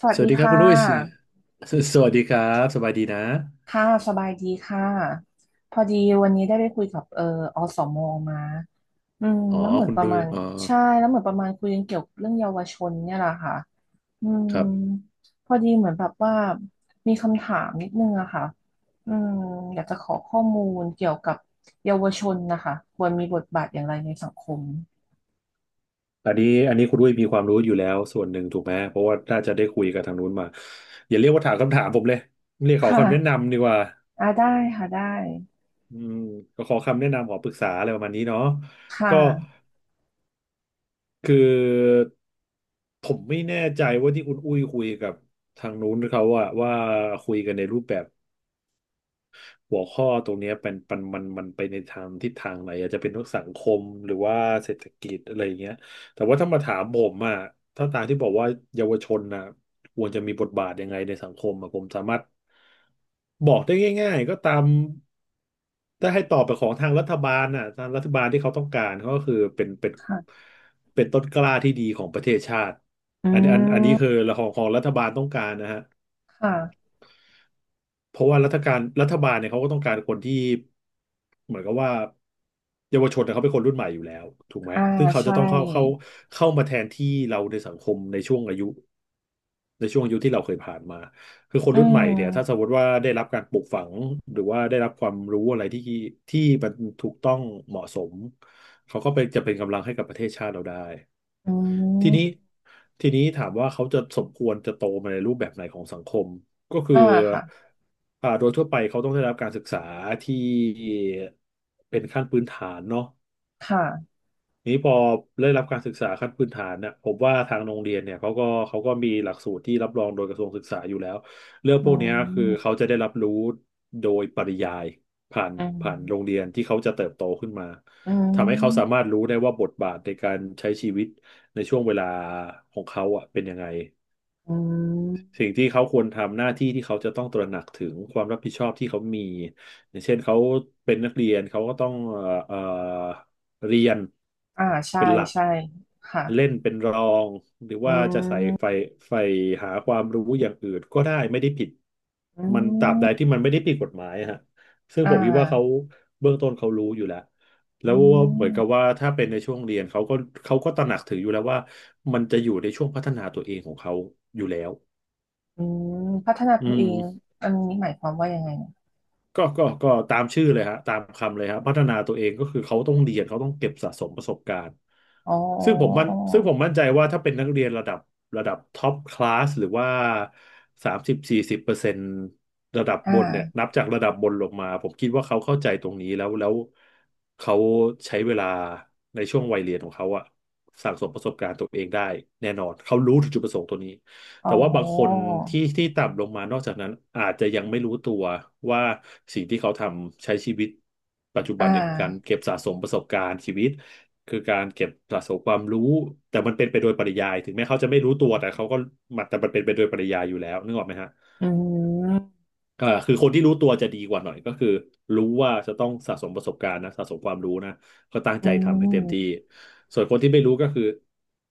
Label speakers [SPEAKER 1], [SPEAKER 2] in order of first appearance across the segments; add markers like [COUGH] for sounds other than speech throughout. [SPEAKER 1] สวัส
[SPEAKER 2] สวั
[SPEAKER 1] ดี
[SPEAKER 2] สดีครับ
[SPEAKER 1] ค่
[SPEAKER 2] คุณอุ้ย
[SPEAKER 1] ะ
[SPEAKER 2] [LAUGHS] สวัสดีครับสบายดีนะ
[SPEAKER 1] ค่ะสบายดีค่ะพอดีวันนี้ได้ไปคุยกับอสมมาอืม
[SPEAKER 2] อ๋อ
[SPEAKER 1] แล้วเหมือน
[SPEAKER 2] คุณ
[SPEAKER 1] ประ
[SPEAKER 2] อุ้
[SPEAKER 1] มา
[SPEAKER 2] ย
[SPEAKER 1] ณ
[SPEAKER 2] อ๋อ
[SPEAKER 1] ใช่แล้วเหมือนประมาณคุยกันเกี่ยวกับเรื่องเยาวชนเนี่ยแหละค่ะอืม
[SPEAKER 2] ครับ
[SPEAKER 1] พอดีเหมือนแบบว่ามีคำถามนิดนึงอะค่ะอืมอยากจะขอข้อมูลเกี่ยวกับเยาวชนนะคะควรมีบทบาทอย่างไรในสังคม
[SPEAKER 2] อันนี้คุณอุ้ยมีความรู้อยู่แล้วส่วนหนึ่งถูกไหม เพราะว่าน่าจะได้คุยกับทางนู้นมาอย่าเรียกว่าถามคำถามผมเลยเรียกข
[SPEAKER 1] ค
[SPEAKER 2] อคำแนะ
[SPEAKER 1] ่ะ
[SPEAKER 2] นำดีกว่า
[SPEAKER 1] อ่าได้ค่ะได้
[SPEAKER 2] อืมก็ขอคำแนะนำขอปรึกษาอะไรประมาณนี้เนาะ
[SPEAKER 1] ค่
[SPEAKER 2] ก็
[SPEAKER 1] ะ
[SPEAKER 2] คือผมไม่แน่ใจว่าที่คุณอุ้ยคุยกับทางนู้นเขาอะว่าคุยกันในรูปแบบ หัวข้อตรงเนี้ยเป็นมันไปในทางทิศทางไหนอาจจะเป็นทรกสังคมหรือว่าเศรษฐกิจอะไรอย่างเงี้ยแต่ว่าถ้ามาถามผมอ่ะถ้าตามที่บอกว่าเยาวชนน่ะควรจะมีบทบาทยังไงในสังคมอะผมสามารถบอกได้ง่ายๆก็ตามถ้าให้ตอบไปของทางรัฐบาลน่ะทางรัฐบาลที่เขาต้องการเขาก็คือเป็น
[SPEAKER 1] ค่ะ
[SPEAKER 2] เป็นต้นกล้าที่ดีของประเทศชาติ
[SPEAKER 1] อื
[SPEAKER 2] อันนี้
[SPEAKER 1] ม
[SPEAKER 2] คือของรัฐบาลต้องการนะฮะ
[SPEAKER 1] ค่ะ
[SPEAKER 2] เพราะว่ารัฐบาลเนี่ยเขาก็ต้องการคนที่เหมือนกับว่าเยาวชนเนี่ยเขาเป็นคนรุ่นใหม่อยู่แล้วถูกไหม
[SPEAKER 1] อ่า
[SPEAKER 2] ซึ่งเขาจะ
[SPEAKER 1] ใช่
[SPEAKER 2] ต้องเข้าเข้ามาแทนที่เราในสังคมในช่วงอายุในช่วงอายุที่เราเคยผ่านมาคือคน
[SPEAKER 1] อื
[SPEAKER 2] รุ่นใหม่เนี่ยถ้าสม
[SPEAKER 1] ม
[SPEAKER 2] มติว่าได้รับการปลูกฝังหรือว่าได้รับความรู้อะไรที่ที่มันถูกต้องเหมาะสมเขาก็เป็นกำลังให้กับประเทศชาติเราได้
[SPEAKER 1] อื
[SPEAKER 2] ทีนี้
[SPEAKER 1] ม
[SPEAKER 2] ถามว่าเขาจะสมควรจะโตมาในรูปแบบไหนของสังคมก็คือ
[SPEAKER 1] อ่าค่ะ
[SPEAKER 2] โดยทั่วไปเขาต้องได้รับการศึกษาที่เป็นขั้นพื้นฐานเนาะ
[SPEAKER 1] ค่ะ
[SPEAKER 2] นี้พอได้รับการศึกษาขั้นพื้นฐานเนี่ยผมว่าทางโรงเรียนเนี่ยเขาก็มีหลักสูตรที่รับรองโดยกระทรวงศึกษาอยู่แล้วเรื่องพ
[SPEAKER 1] อื
[SPEAKER 2] วกเนี้ยคือ
[SPEAKER 1] ม
[SPEAKER 2] เขาจะได้รับรู้โดยปริยายผ่าน
[SPEAKER 1] อื
[SPEAKER 2] โรง
[SPEAKER 1] ม
[SPEAKER 2] เรียนที่เขาจะเติบโตขึ้นมา
[SPEAKER 1] อื
[SPEAKER 2] ทำให้เขาสามา
[SPEAKER 1] ม
[SPEAKER 2] รถรู้ได้ว่าบทบาทในการใช้ชีวิตในช่วงเวลาของเขาอ่ะเป็นยังไง
[SPEAKER 1] อืม
[SPEAKER 2] สิ่งที่เขาควรทำหน้าที่ที่เขาจะต้องตระหนักถึงความรับผิดชอบที่เขามีอย่างเช่นเขาเป็นนักเรียนเขาก็ต้องเรียน
[SPEAKER 1] อ่าใช่ใช่ค่ะ
[SPEAKER 2] เล่นเป็นรองหรือ
[SPEAKER 1] อื
[SPEAKER 2] ว่าจะ
[SPEAKER 1] ม
[SPEAKER 2] ใฝ่ใฝ่หาความรู้อย่างอื่นก็ได้ไม่ได้ผิด
[SPEAKER 1] อื
[SPEAKER 2] มันตราบใด
[SPEAKER 1] ม
[SPEAKER 2] ที่มันไม่ได้ผิดกฎหมายอะฮะซึ่ง
[SPEAKER 1] อ่า
[SPEAKER 2] ผมคิดว่าเขาเบื้องต้นเขารู้อยู่แล้ว
[SPEAKER 1] อื
[SPEAKER 2] ว่าเหมือนกับ
[SPEAKER 1] ม
[SPEAKER 2] ว่าถ้าเป็นในช่วงเรียนเขาก็ตระหนักถึงอยู่แล้วว่ามันจะอยู่ในช่วงพัฒนาตัวเองของเขาอยู่แล้ว
[SPEAKER 1] อืมพัฒนา
[SPEAKER 2] อื
[SPEAKER 1] ตัวเอง
[SPEAKER 2] ม
[SPEAKER 1] อันนี้หมายความว่ายังไงอะ
[SPEAKER 2] ก็ตามชื่อเลยฮะตามคำเลยฮะพัฒนาตัวเองก็คือเขาต้องเรียน เขาต้องเก็บสะสมประสบการณ์
[SPEAKER 1] อ๋ออ๋อ
[SPEAKER 2] ซึ่งผมมั่นใจว่าถ้าเป็นนักเรียนระดับท็อปคลาสหรือว่า30-40%ระดับ
[SPEAKER 1] อ
[SPEAKER 2] บนเนี่ย
[SPEAKER 1] ่า
[SPEAKER 2] นับจากระดับบนลงมา ผมคิดว่าเขาเข้าใจตรงนี้แล้วเขาใช้เวลาในช่วงวัยเรียนของเขาอะสั่งสมประสบการณ์ตัวเองได้แน่นอน เขารู้ถึงจุดประสงค์ตัวนี้
[SPEAKER 1] อ๋
[SPEAKER 2] แต่ว่าบางคน
[SPEAKER 1] อ
[SPEAKER 2] ที่ต่ำลงมานอกจากนั้นอาจจะยังไม่รู้ตัวว่าสิ่งที่เขาทำใช้ชีวิตปัจจุ
[SPEAKER 1] อ่
[SPEAKER 2] บันเนี่ยคือการ
[SPEAKER 1] า
[SPEAKER 2] เก็บสะสมประสบการณ์ชีวิตคือการเก็บสะสมความรู้แต่มันเป็นไปโดยปริยายถึงแม้เขาจะไม่รู้ตัวแต่เขาก็มันเป็นไปโดยปริยายอยู่แล้วนึกออกไหมฮะ
[SPEAKER 1] อืม
[SPEAKER 2] คือคนที่รู้ตัวจะดีกว่าหน่อยก็คือรู้ว่าจะต้องสะสมประสบการณ์นะสะสมความรู้นะก็ตั้ง
[SPEAKER 1] อื
[SPEAKER 2] ใจทำให้เต็มที่
[SPEAKER 1] ม
[SPEAKER 2] ส่วนคนที่ไม่รู้ก็คือ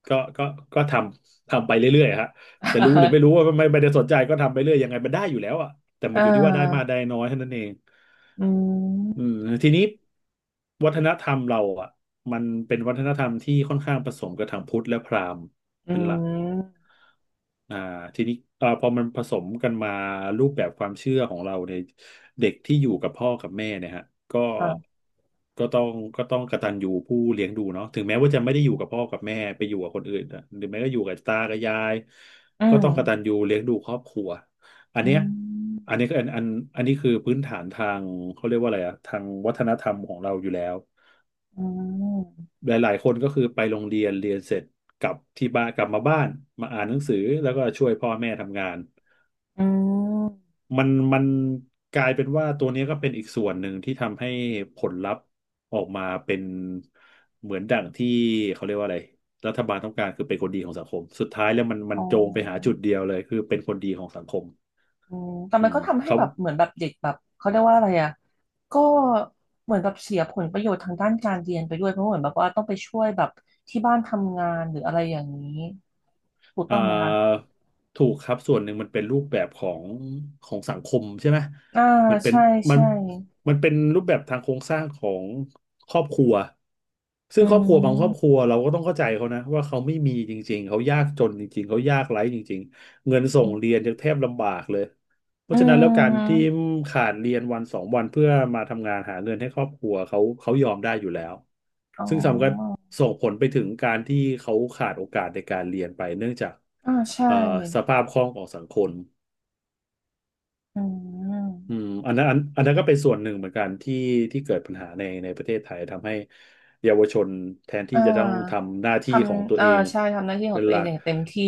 [SPEAKER 2] ก็ก็ก็ทำไปเรื่อยๆฮะจะรู้หรือไม่รู้ว่า
[SPEAKER 1] [LAUGHS]
[SPEAKER 2] ไม่ได้สนใจก็ทำไปเรื่อยยังไงมันได้อยู่แล้วอ่ะแต่มั
[SPEAKER 1] อ่า
[SPEAKER 2] นอยู่ที่ว่าได้มาก
[SPEAKER 1] อ่า
[SPEAKER 2] ได้น้อยเท่านั้นเอง
[SPEAKER 1] อื
[SPEAKER 2] อืม
[SPEAKER 1] ม
[SPEAKER 2] ทีนี้วัฒนธรรมเราอ่ะมันเป็นวัฒนธรรมที่ค่อนข้างผสมกับทางพุทธและพราหมณ์
[SPEAKER 1] อื
[SPEAKER 2] เป็นหลัก
[SPEAKER 1] ม
[SPEAKER 2] อ่าทีนี้พอมันผสมกันมารูปแบบความเชื่อของเราเนี่ยเด็กที่อยู่กับพ่อกับแม่เนี่ยฮะก็
[SPEAKER 1] ค่ะ
[SPEAKER 2] ก็ต้องก็ต้องกตัญญูผู้เลี้ยงดูเนาะถึงแม้ว่าจะไม่ได้อยู่กับพ่อกับแม่ไปอยู่กับคนอื่นอะหรือแม้ก็อยู่กับตากับยาย
[SPEAKER 1] อื
[SPEAKER 2] ก็
[SPEAKER 1] ม
[SPEAKER 2] ต้องกตัญญูเลี้ยงดูครอบครัวอัน
[SPEAKER 1] อื
[SPEAKER 2] เนี้ยอันนี้
[SPEAKER 1] ม
[SPEAKER 2] ก็อันอันอันนี้คือพื้นฐานทางเขาเรียกว่าอะไรอะทางวัฒนธรรมของเราอยู่แล้ว
[SPEAKER 1] อืม
[SPEAKER 2] หลายๆคนก็คือไปโรงเรียนเรียนเสร็จกลับที่บ้านกลับมาบ้านมาอ่านหนังสือแล้วก็ช่วยพ่อแม่ทำงาน
[SPEAKER 1] อืม
[SPEAKER 2] มันกลายเป็นว่าตัวนี้ก็เป็นอีกส่วนหนึ่งที่ทำให้ผลลัพธ์ออกมาเป็นเหมือนดั่งที่เขาเรียกว่าอะไรรัฐบาลต้องการคือเป็นคนดีของสังคมสุดท้ายแล้วมันมั
[SPEAKER 1] อ๋
[SPEAKER 2] นโจงไปหาจุด
[SPEAKER 1] อ
[SPEAKER 2] เดียวเลยคือเป็นคนดีของสังคม
[SPEAKER 1] อืมแต่
[SPEAKER 2] อื
[SPEAKER 1] มัน
[SPEAKER 2] ม
[SPEAKER 1] ก็ทำให้
[SPEAKER 2] เขา
[SPEAKER 1] แบบเหมือนแบบเด็กแบบเขาเรียกว่าอะไรอ่ะก็เหมือนแบบเสียผลประโยชน์ทางด้านการเรียนไปด้วยเพราะเหมือนแบบว่าต้องไปช่วยแบบที่บ้านทำงานหรืออะไรอย่างนี้ถูก
[SPEAKER 2] อ่
[SPEAKER 1] ต้องไหมคะ
[SPEAKER 2] าถูกครับส่วนหนึ่งมันเป็นรูปแบบของของสังคมใช่ไหม
[SPEAKER 1] อ่า
[SPEAKER 2] มันเป็น
[SPEAKER 1] ใช่
[SPEAKER 2] มัน
[SPEAKER 1] ใช่
[SPEAKER 2] มันเป็นรูปแบบทางโครงสร้างของครอบครัวซึ่
[SPEAKER 1] อื
[SPEAKER 2] งครอบครัวบางครอบครั
[SPEAKER 1] ม
[SPEAKER 2] วเราก็ต้องเข้าใจเขานะว่าเขาไม่มีจริงๆเขายากจนจริงๆเขายากไร้จริงๆเงินส่
[SPEAKER 1] อื
[SPEAKER 2] งเรียน
[SPEAKER 1] ม
[SPEAKER 2] ยังแทบลำบากเลย เพ
[SPEAKER 1] อื
[SPEAKER 2] ราะฉะนั้นแล้วการที่
[SPEAKER 1] ม
[SPEAKER 2] ขาดเรียนวันสองวันเพื่อมาทำงานหาเงินให้ครอบครัวเขาเขายอมได้อยู่แล้ว
[SPEAKER 1] อ๋อ
[SPEAKER 2] ซึ่งส่งผลไปถึงการที่เขาขาดโอกาสในการเรียนไปเนื่องจาก
[SPEAKER 1] อ่าใช่
[SPEAKER 2] เอ่อสภาพคล่องของสังคม
[SPEAKER 1] อืม
[SPEAKER 2] อันนั้นก็เป็นส่วนหนึ่งเหมือนกันที่เกิดปัญหาในประเทศไทยทำให้เยาวชนแทน
[SPEAKER 1] อ่
[SPEAKER 2] ที่จะต้อง
[SPEAKER 1] า
[SPEAKER 2] ทำหน้า
[SPEAKER 1] ท
[SPEAKER 2] ที่ของตั
[SPEAKER 1] ำ
[SPEAKER 2] ว
[SPEAKER 1] เออ
[SPEAKER 2] เอง
[SPEAKER 1] ใช่ทำหน้าที่ขอ
[SPEAKER 2] เป็
[SPEAKER 1] ง
[SPEAKER 2] น
[SPEAKER 1] ตั
[SPEAKER 2] ห
[SPEAKER 1] วเอ
[SPEAKER 2] ลั
[SPEAKER 1] ง
[SPEAKER 2] ก
[SPEAKER 1] อย่างเต็มที่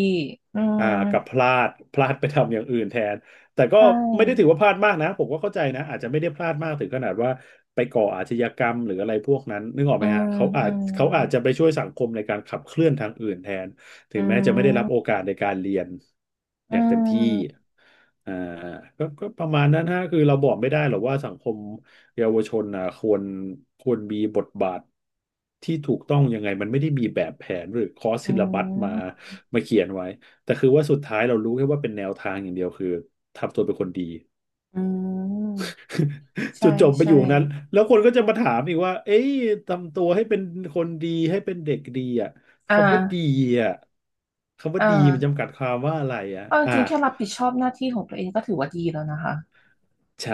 [SPEAKER 1] อืม
[SPEAKER 2] อ่ากับพลาดไปทำอย่างอื่นแทนแต่ก็
[SPEAKER 1] ใช่
[SPEAKER 2] ไม่ได้ถือว่าพลาดมากนะผมก็เข้าใจนะอาจจะไม่ได้พลาดมากถึงขนาดว่าไปก่ออาชญากรรมหรืออะไรพวกนั้นนึกออก
[SPEAKER 1] อื
[SPEAKER 2] ไหม
[SPEAKER 1] ม
[SPEAKER 2] ฮะเขาอา
[SPEAKER 1] อื
[SPEAKER 2] จ
[SPEAKER 1] ม
[SPEAKER 2] เขาอาจจะไปช่วยสังคมในการขับเคลื่อนทางอื่นแทนถึ
[SPEAKER 1] อื
[SPEAKER 2] งแม้จะไม่ได้รั
[SPEAKER 1] ม
[SPEAKER 2] บโอกาสในการเรียนอ
[SPEAKER 1] อื
[SPEAKER 2] ย่างเต็มที่
[SPEAKER 1] ม
[SPEAKER 2] อ่าก็ประมาณนั้นฮะคือเราบอกไม่ได้หรอกว่าสังคมเยาวชนอ่ะควรมีบทบาทที่ถูกต้องยังไงมันไม่ได้มีแบบแผนหรือคอร์สซิ
[SPEAKER 1] อื
[SPEAKER 2] ลลับัสมา
[SPEAKER 1] ม
[SPEAKER 2] เขียนไว้ แต่คือว่าสุดท้ายเรารู้แค่ว่าเป็นแนวทางอย่างเดียวคือทำตัวเป็นคนดี
[SPEAKER 1] อืมใช่
[SPEAKER 2] จุดจบไปอ
[SPEAKER 1] ใช่
[SPEAKER 2] ยู่ตรงนั้นแล้วคนก็จะมาถามอีกว่าเอ้ยทำตัวให้เป็นคนดีให้เป็นเด็กดีอ่ะ
[SPEAKER 1] อ่
[SPEAKER 2] คำว่าดี
[SPEAKER 1] า
[SPEAKER 2] อ่ะคำว่า
[SPEAKER 1] อ่
[SPEAKER 2] ดีมัน
[SPEAKER 1] า
[SPEAKER 2] จำกัดความว่าอะไรอ่ะ
[SPEAKER 1] เอาจริงๆแค่รับผิดชอบหน้าที่ของตัวเองก็ถือว่าดีแล้วนะคะ
[SPEAKER 2] ใช่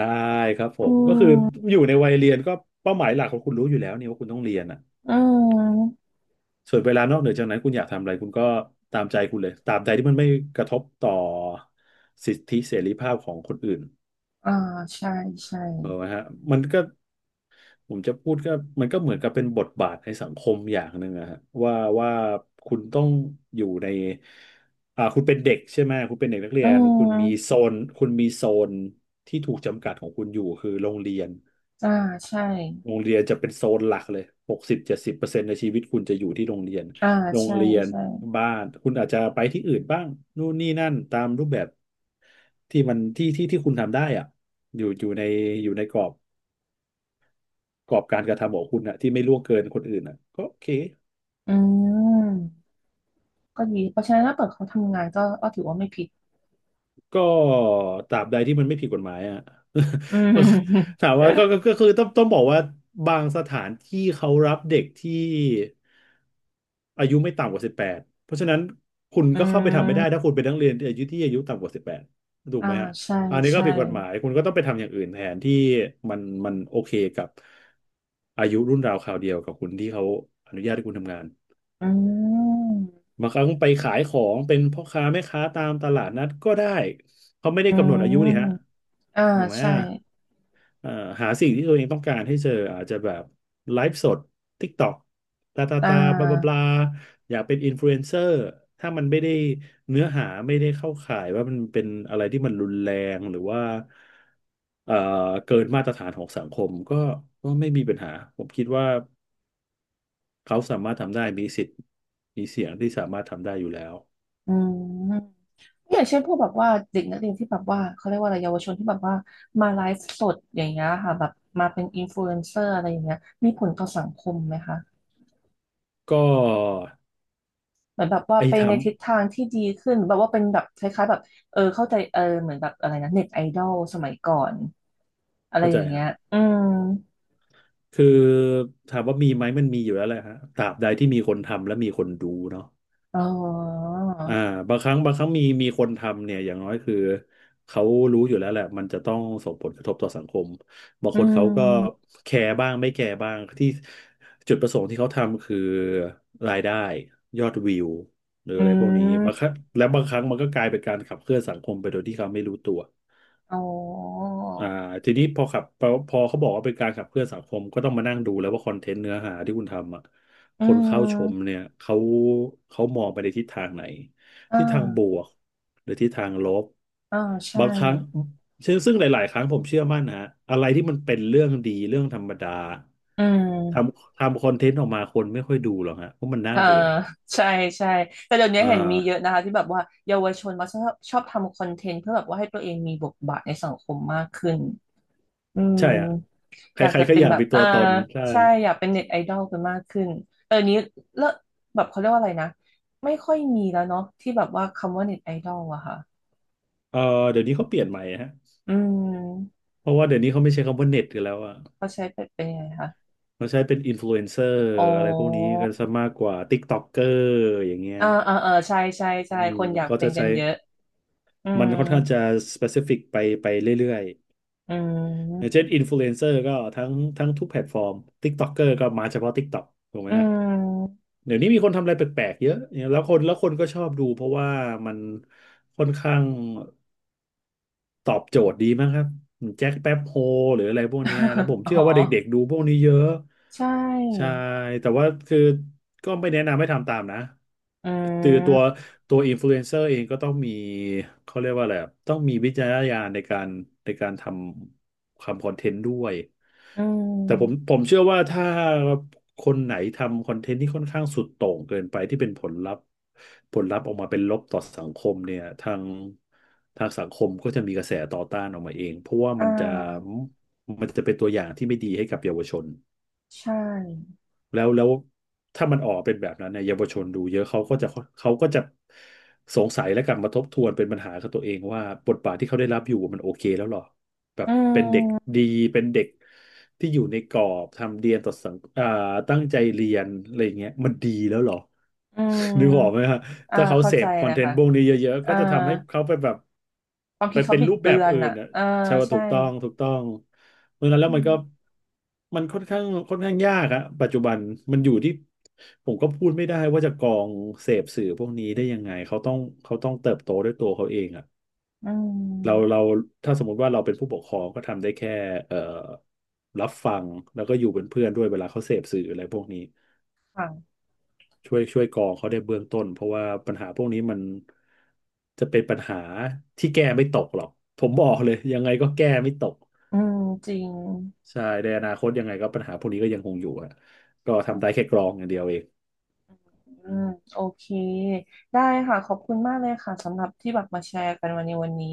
[SPEAKER 2] ครับผ
[SPEAKER 1] อื
[SPEAKER 2] มก็คือ
[SPEAKER 1] ม
[SPEAKER 2] อยู่ในวัยเรียนก็เป้าหมายหลักของคุณรู้อยู่แล้วนี่ว่าคุณต้องเรียนอ่ะ
[SPEAKER 1] อืม
[SPEAKER 2] ส่วนเวลานอกเหนือจากนั้นคุณอยากทำอะไรคุณก็ตามใจคุณเลยตามใจที่มันไม่กระทบต่อสิทธิเสรีภาพของคนอื่น
[SPEAKER 1] อ่าใช่ใช่
[SPEAKER 2] เออไหมฮะมันก็ ผมจะพูดก็มันก็เหมือนกับเป็นบทบาทในสังคมอย่างหนึ่งอะฮะว่าว่าคุณต้องอยู่ในคุณเป็นเด็กใช่ไหมคุณเป็นเด็กนักเรี
[SPEAKER 1] อื
[SPEAKER 2] ยน
[SPEAKER 1] ม
[SPEAKER 2] คุณมีโซนที่ถูกจำกัดของคุณอยู่คือโรงเรียน
[SPEAKER 1] อ่าใช่
[SPEAKER 2] โรงเรียนจะเป็นโซนหลักเลย60-70%ในชีวิตคุณจะอยู่ที่โรงเรียน
[SPEAKER 1] อ่า
[SPEAKER 2] โรง
[SPEAKER 1] ใช่
[SPEAKER 2] เรียน
[SPEAKER 1] ใช่
[SPEAKER 2] บ้านคุณอาจจะไปที่อื่นบ้างนู่นนี่นั่นตามรูปแบบที่มันที่ที่ที่คุณทำได้อะอยู่อยู่ในอยู่ในกรอบ กรอบการกระทำของคุณอะที่ไม่ล่วงเกินคนอื่นอะก็โอเค
[SPEAKER 1] อืมก็ดีเพราะฉะนั้นถ้าเปิดเขาทำงานก็ก็ถือว่าไม่ผิด
[SPEAKER 2] ก็ตราบใดที่มันไม่ผิดกฎหมายอะ
[SPEAKER 1] อืม
[SPEAKER 2] [LAUGHS] ถามว่าก็
[SPEAKER 1] [LAUGHS]
[SPEAKER 2] ก็ก็คือต้องบอกว่าบางสถานที่เขารับเด็กที่อายุไม่ต่ำกว่าสิบแปดเพราะฉะนั้นคุณ
[SPEAKER 1] อื
[SPEAKER 2] ก็เข้าไปทำไม่ได้ถ้า
[SPEAKER 1] ม
[SPEAKER 2] คุณเป็นนักเรียนอายุที่อายุต่ำกว่าสิบแปดถูก
[SPEAKER 1] อ่า
[SPEAKER 2] ไหมฮะ
[SPEAKER 1] ใช่
[SPEAKER 2] อันนี้ก็
[SPEAKER 1] ใช่
[SPEAKER 2] ผิดกฎหมายคุณก็ต้องไปทำอย่างอื่นแทนที่มันมันโอเคกับอายุรุ่นราวคราวเดียวกับคุณที่เขาอนุญาตให้คุณทำงาน
[SPEAKER 1] อืม
[SPEAKER 2] บางครั้งไปขายของเป็นพ่อค้าแม่ค้าตามตลาดนัดก็ได้เขาไม่ได้
[SPEAKER 1] อื
[SPEAKER 2] กำหนดอา
[SPEAKER 1] ม
[SPEAKER 2] ยุนี่ฮะ
[SPEAKER 1] อ่า
[SPEAKER 2] ถูกไหม
[SPEAKER 1] ใช่
[SPEAKER 2] อ่ะเอ่อหาสิ่งที่ตัวเองต้องการให้เจออาจจะแบบไลฟ์สด TikTok ตาตา
[SPEAKER 1] อ่
[SPEAKER 2] ตาบลาบลาบลา
[SPEAKER 1] า
[SPEAKER 2] อยากเป็นอินฟลูเอนเซอร์ถ้ามันไม่ได้เนื้อหาไม่ได้เข้าข่ายว่ามันเป็นอะไรที่มันรุนแรงหรือว่าเอ่อเกินมาตรฐานของสังคมก็ไม่มีปัญหาผมคิดว่าเขาสามารถทำได้มีสิทธิ์มีเสียงที่สามารถทำได้อยู่แล้ว
[SPEAKER 1] อืมอย่างเช่นพวกแบบว่าเด็กนักเรียนที่แบบว่าเขาเรียกว่าอะไรเยาวชนที่แบบว่ามาไลฟ์สดอย่างเงี้ยค่ะแบบมาเป็นอินฟลูเอนเซอร์อะไรอย่างเงี้ยมีผลต่อสังคมไหมคะ
[SPEAKER 2] ก็
[SPEAKER 1] เหมือนแบบว่า
[SPEAKER 2] ไอ้
[SPEAKER 1] ไป
[SPEAKER 2] ท
[SPEAKER 1] ในทิศทางที่ดีขึ้นหรือแบบว่าเป็นแบบคล้ายๆแบบเออเข้าใจเออเหมือนแบบอะไรนะเน็ตไอดอลสมัยก่อน
[SPEAKER 2] ำ
[SPEAKER 1] อะไร
[SPEAKER 2] เข้า
[SPEAKER 1] อ
[SPEAKER 2] ใจ
[SPEAKER 1] ย่างเงี้
[SPEAKER 2] ฮะ
[SPEAKER 1] ยอืม
[SPEAKER 2] คือถามว่ามีไหมมันมีอยู่แล้วแหละฮะตราบใดที่มีคนทำและมีคนดูเนาะ
[SPEAKER 1] อ๋อ
[SPEAKER 2] อ่าบางครั้งมีคนทำเนี่ยอย่างน้อยคือเขารู้อยู่แล้วแหละมันจะต้องส่งผลกระทบต่อสังคมบาง
[SPEAKER 1] อื
[SPEAKER 2] คนเขาก็
[SPEAKER 1] ม
[SPEAKER 2] แคร์บ้างไม่แคร์บ้างที่จุดประสงค์ที่เขาทำคือรายได้ยอดวิวหรือ
[SPEAKER 1] อื
[SPEAKER 2] อะไรพวกนี้
[SPEAKER 1] ม
[SPEAKER 2] บางครั้งและบางครั้งมันก็กลายเป็นการขับเคลื่อนสังคมไปโดยที่เขาไม่รู้ตัว
[SPEAKER 1] อ๋อ
[SPEAKER 2] อ่าทีนี้พอขับพอเขาบอกว่าเป็นการขับเคลื่อนสังคมก็ต้องมานั่งดูแล้วว่าคอนเทนต์เนื้อหาที่คุณทำอ่ะ
[SPEAKER 1] อื
[SPEAKER 2] คนเข้าชม
[SPEAKER 1] ม
[SPEAKER 2] เนี่ยเขามองไปในทิศทางไหน
[SPEAKER 1] อ่
[SPEAKER 2] ทิศทางบ
[SPEAKER 1] า
[SPEAKER 2] วกหรือทิศทางลบ
[SPEAKER 1] อ่าใช่
[SPEAKER 2] บางครั้งซึ่งหลายๆครั้งผมเชื่อมั่นนะฮะอะไรที่มันเป็นเรื่องดีเรื่องธรรมดา
[SPEAKER 1] อื
[SPEAKER 2] ท
[SPEAKER 1] ม
[SPEAKER 2] ำทำคอนเทนต์ออกมาคนไม่ค่อยดูหรอกฮะเพราะมันน่า
[SPEAKER 1] เอ่า
[SPEAKER 2] เบื่อ
[SPEAKER 1] ใช่ใช่แต่เดี๋ยวนี้
[SPEAKER 2] อ่า
[SPEAKER 1] เห็นมีเยอะนะคะที่แบบว่าเยาวชนมาชอบชอบทำคอนเทนต์เพื่อแบบว่าให้ตัวเองมีบทบาทในสังคมมากขึ้น อืม
[SPEAKER 2] ใช่อ่ะใค
[SPEAKER 1] อยาก
[SPEAKER 2] ร
[SPEAKER 1] จะ
[SPEAKER 2] ๆก็
[SPEAKER 1] เป็
[SPEAKER 2] อ
[SPEAKER 1] น
[SPEAKER 2] ยาก
[SPEAKER 1] แบบ
[SPEAKER 2] มีตั
[SPEAKER 1] อ่า
[SPEAKER 2] วตนใช่
[SPEAKER 1] ใช่อยากเป็นเน็ตไอดอลกันมากขึ้น เออนี้เลิกแบบเขาเรียกว่าอะไรนะ ไม่ค่อยมีแล้วเนาะที่แบบว่าคำว่าเน็ตไอดอลอะค่ะ
[SPEAKER 2] เออเดี๋ยวนี้เขาเปลี่ยนใหม่ฮะ
[SPEAKER 1] อืม
[SPEAKER 2] เพราะว่าเดี๋ยวนี้เขาไม่ใช้คำว่าเน็ตกันแล้วอ่ะ
[SPEAKER 1] เขาใช้เป็นเป็นยังไงคะ
[SPEAKER 2] เขาใช้เป็นอินฟลูเอนเซอร์
[SPEAKER 1] อ๋อ
[SPEAKER 2] อะไรพวกนี้กันซะมากกว่าติ๊กต็อกเกอร์อย่างเงี้ย
[SPEAKER 1] อ่าอ่าอ่าใช่ใช่ใช่
[SPEAKER 2] อืม
[SPEAKER 1] คนอยาก
[SPEAKER 2] เขา
[SPEAKER 1] เป็
[SPEAKER 2] จะ
[SPEAKER 1] นกั
[SPEAKER 2] ใช้
[SPEAKER 1] นเยอะอื
[SPEAKER 2] มั
[SPEAKER 1] ม
[SPEAKER 2] นค่อนข้างจะสเปซิฟิกไปไปเรื่อย
[SPEAKER 1] อื
[SPEAKER 2] ๆอย่าง
[SPEAKER 1] ม
[SPEAKER 2] เช่นอินฟลูเอนเซอร์ก็ทั้งทุกแพลตฟอร์มติ๊กต็อกเกอร์ก็มาเฉพาะติ๊กต็อกถูกไหม
[SPEAKER 1] อื
[SPEAKER 2] ฮะ
[SPEAKER 1] ม
[SPEAKER 2] เดี๋ยวนี้มีคนทำอะไรแปลกๆเยอะแล้วคนก็ชอบดูเพราะว่ามันค่อนข้าง ตอบโจทย์ดีมากครับแจ็คแป๊บโฮหรืออะไรพวกเนี้ยแล้วผ
[SPEAKER 1] [LAUGHS]
[SPEAKER 2] ม
[SPEAKER 1] อ๋อ
[SPEAKER 2] เชื่อว่าเด็กๆดูพวกนี้เยอะ
[SPEAKER 1] ใช
[SPEAKER 2] ใช่
[SPEAKER 1] ่
[SPEAKER 2] แต่ว่าคือก็ไม่แนะนำให้ทำตามนะ
[SPEAKER 1] อื
[SPEAKER 2] ตือตั
[SPEAKER 1] ม
[SPEAKER 2] วตัวอินฟลูเอนเซอร์เองก็ต้องมีเขาเรียกว่าอะไรอะต้องมีวิจารณญาณในการในการทำคอนเทนต์ด้วย
[SPEAKER 1] อื
[SPEAKER 2] แต่ผม
[SPEAKER 1] ม
[SPEAKER 2] ผมเชื่อว่าถ้า คนไหนทำคอนเทนต์ที่ค่อนข้างสุดโต่งเกินไปที่เป็นผลลัพธ์ผลลัพธ์ออกมาเป็นลบต่อสังคมเนี่ยทางสังคมก็จะมีกระแสต่อต้านออกมาเองเพราะว่า
[SPEAKER 1] อ่
[SPEAKER 2] มันจะ
[SPEAKER 1] า
[SPEAKER 2] มันจะเป็นตัวอย่างที่ไม่ดีให้กับเยาวชน
[SPEAKER 1] ใช่
[SPEAKER 2] แล้วถ้ามันออกเป็นแบบนั้นเนี่ยเยาวชนดูเยอะเขาก็จะสงสัยและกลับมาทบทวนเป็นปัญหากับตัวเองว่าบทบาทที่เขาได้รับอยู่มันโอเคแล้วหรอแบบ
[SPEAKER 1] อื
[SPEAKER 2] เป็นเด็ก
[SPEAKER 1] ม
[SPEAKER 2] ดี เป็นเด็กที่อยู่ในกรอบทำเรียนต่อสังอ่าตั้งใจเรียนอะไรอย่างเงี้ยมันดีแล้วหรอ
[SPEAKER 1] อื
[SPEAKER 2] นึกออกไหม
[SPEAKER 1] ม
[SPEAKER 2] ฮะ
[SPEAKER 1] อ่า
[SPEAKER 2] ถ้าเขา
[SPEAKER 1] เข้า
[SPEAKER 2] เส
[SPEAKER 1] ใจ
[SPEAKER 2] พคอ
[SPEAKER 1] เล
[SPEAKER 2] น
[SPEAKER 1] ย
[SPEAKER 2] เทน
[SPEAKER 1] ค่ะ
[SPEAKER 2] ต์พวกนี้เยอะๆก็
[SPEAKER 1] อ่า
[SPEAKER 2] จะทำให้เขาไปแบบ
[SPEAKER 1] ความ
[SPEAKER 2] ไป
[SPEAKER 1] คิดเขา
[SPEAKER 2] เป็น
[SPEAKER 1] บิด
[SPEAKER 2] รูปแบ
[SPEAKER 1] เบื
[SPEAKER 2] บ
[SPEAKER 1] อน
[SPEAKER 2] อื่น
[SPEAKER 1] อ่ะ
[SPEAKER 2] อ่ะ
[SPEAKER 1] อ่า
[SPEAKER 2] ใช่ว่า
[SPEAKER 1] ใช่
[SPEAKER 2] ถูกต้องเพราะฉะนั้น
[SPEAKER 1] อื
[SPEAKER 2] แล้วมัน
[SPEAKER 1] ม
[SPEAKER 2] ก็มันค่อนข้างยากอะปัจจุบันมันอยู่ที่ผมก็พูดไม่ได้ว่าจะกรองเสพสื่อพวกนี้ได้ยังไงเขาต้องเติบโตด้วยตัวเขาเองอะ
[SPEAKER 1] อื
[SPEAKER 2] เรา
[SPEAKER 1] ม
[SPEAKER 2] เราถ้าสมมติว่าเราเป็นผู้ปกครองก็ทำได้แค่เอ่อรับฟังแล้วก็อยู่เป็นเพื่อนด้วยเวลาเขาเสพสื่ออะไรพวกนี้
[SPEAKER 1] ค่ะ
[SPEAKER 2] ช่วยก่อเขาได้เบื้องต้นเพราะว่าปัญหาพวกนี้มันจะเป็นปัญหาที่แก้ไม่ตกหรอกผมบอกเลยยังไงก็แก้ไม่ตก
[SPEAKER 1] อืมจริง
[SPEAKER 2] ใช่ในอนาคตยังไงก็ปัญหาพวกนี้ก็ยังคงอยู่อะก็
[SPEAKER 1] ค่ะ
[SPEAKER 2] ทำได้แค่กรองอย่างเดียวเอง
[SPEAKER 1] อืม โอเคได้ค่ะ ขอบคุณมากเลยค่ะสำหรับที่แบบมาแชร์กันวันนี้วันนี้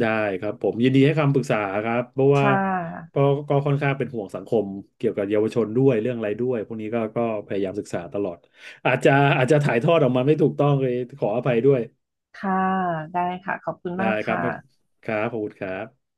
[SPEAKER 2] ได้ครับผมยินดีให้คำปรึกษาครับเพราะว่า
[SPEAKER 1] ค่
[SPEAKER 2] ก็
[SPEAKER 1] ะ
[SPEAKER 2] ก็ค่อนข้างเป็นห่วงสังคมเกี่ยวกับเยาวชนด้วยเรื่องอะไรด้วยพวกนี้ก็พยายามศึกษาตลอดอาจจะอาจจะถ่ายทอดออกมาไม่ถูกต้องเลยขออภัยด้วย
[SPEAKER 1] ค่ะ ได้ค่ะ ขอบคุณ
[SPEAKER 2] ได้
[SPEAKER 1] มาก
[SPEAKER 2] ครับครั
[SPEAKER 1] ค่ะ
[SPEAKER 2] บขอบคุณครับ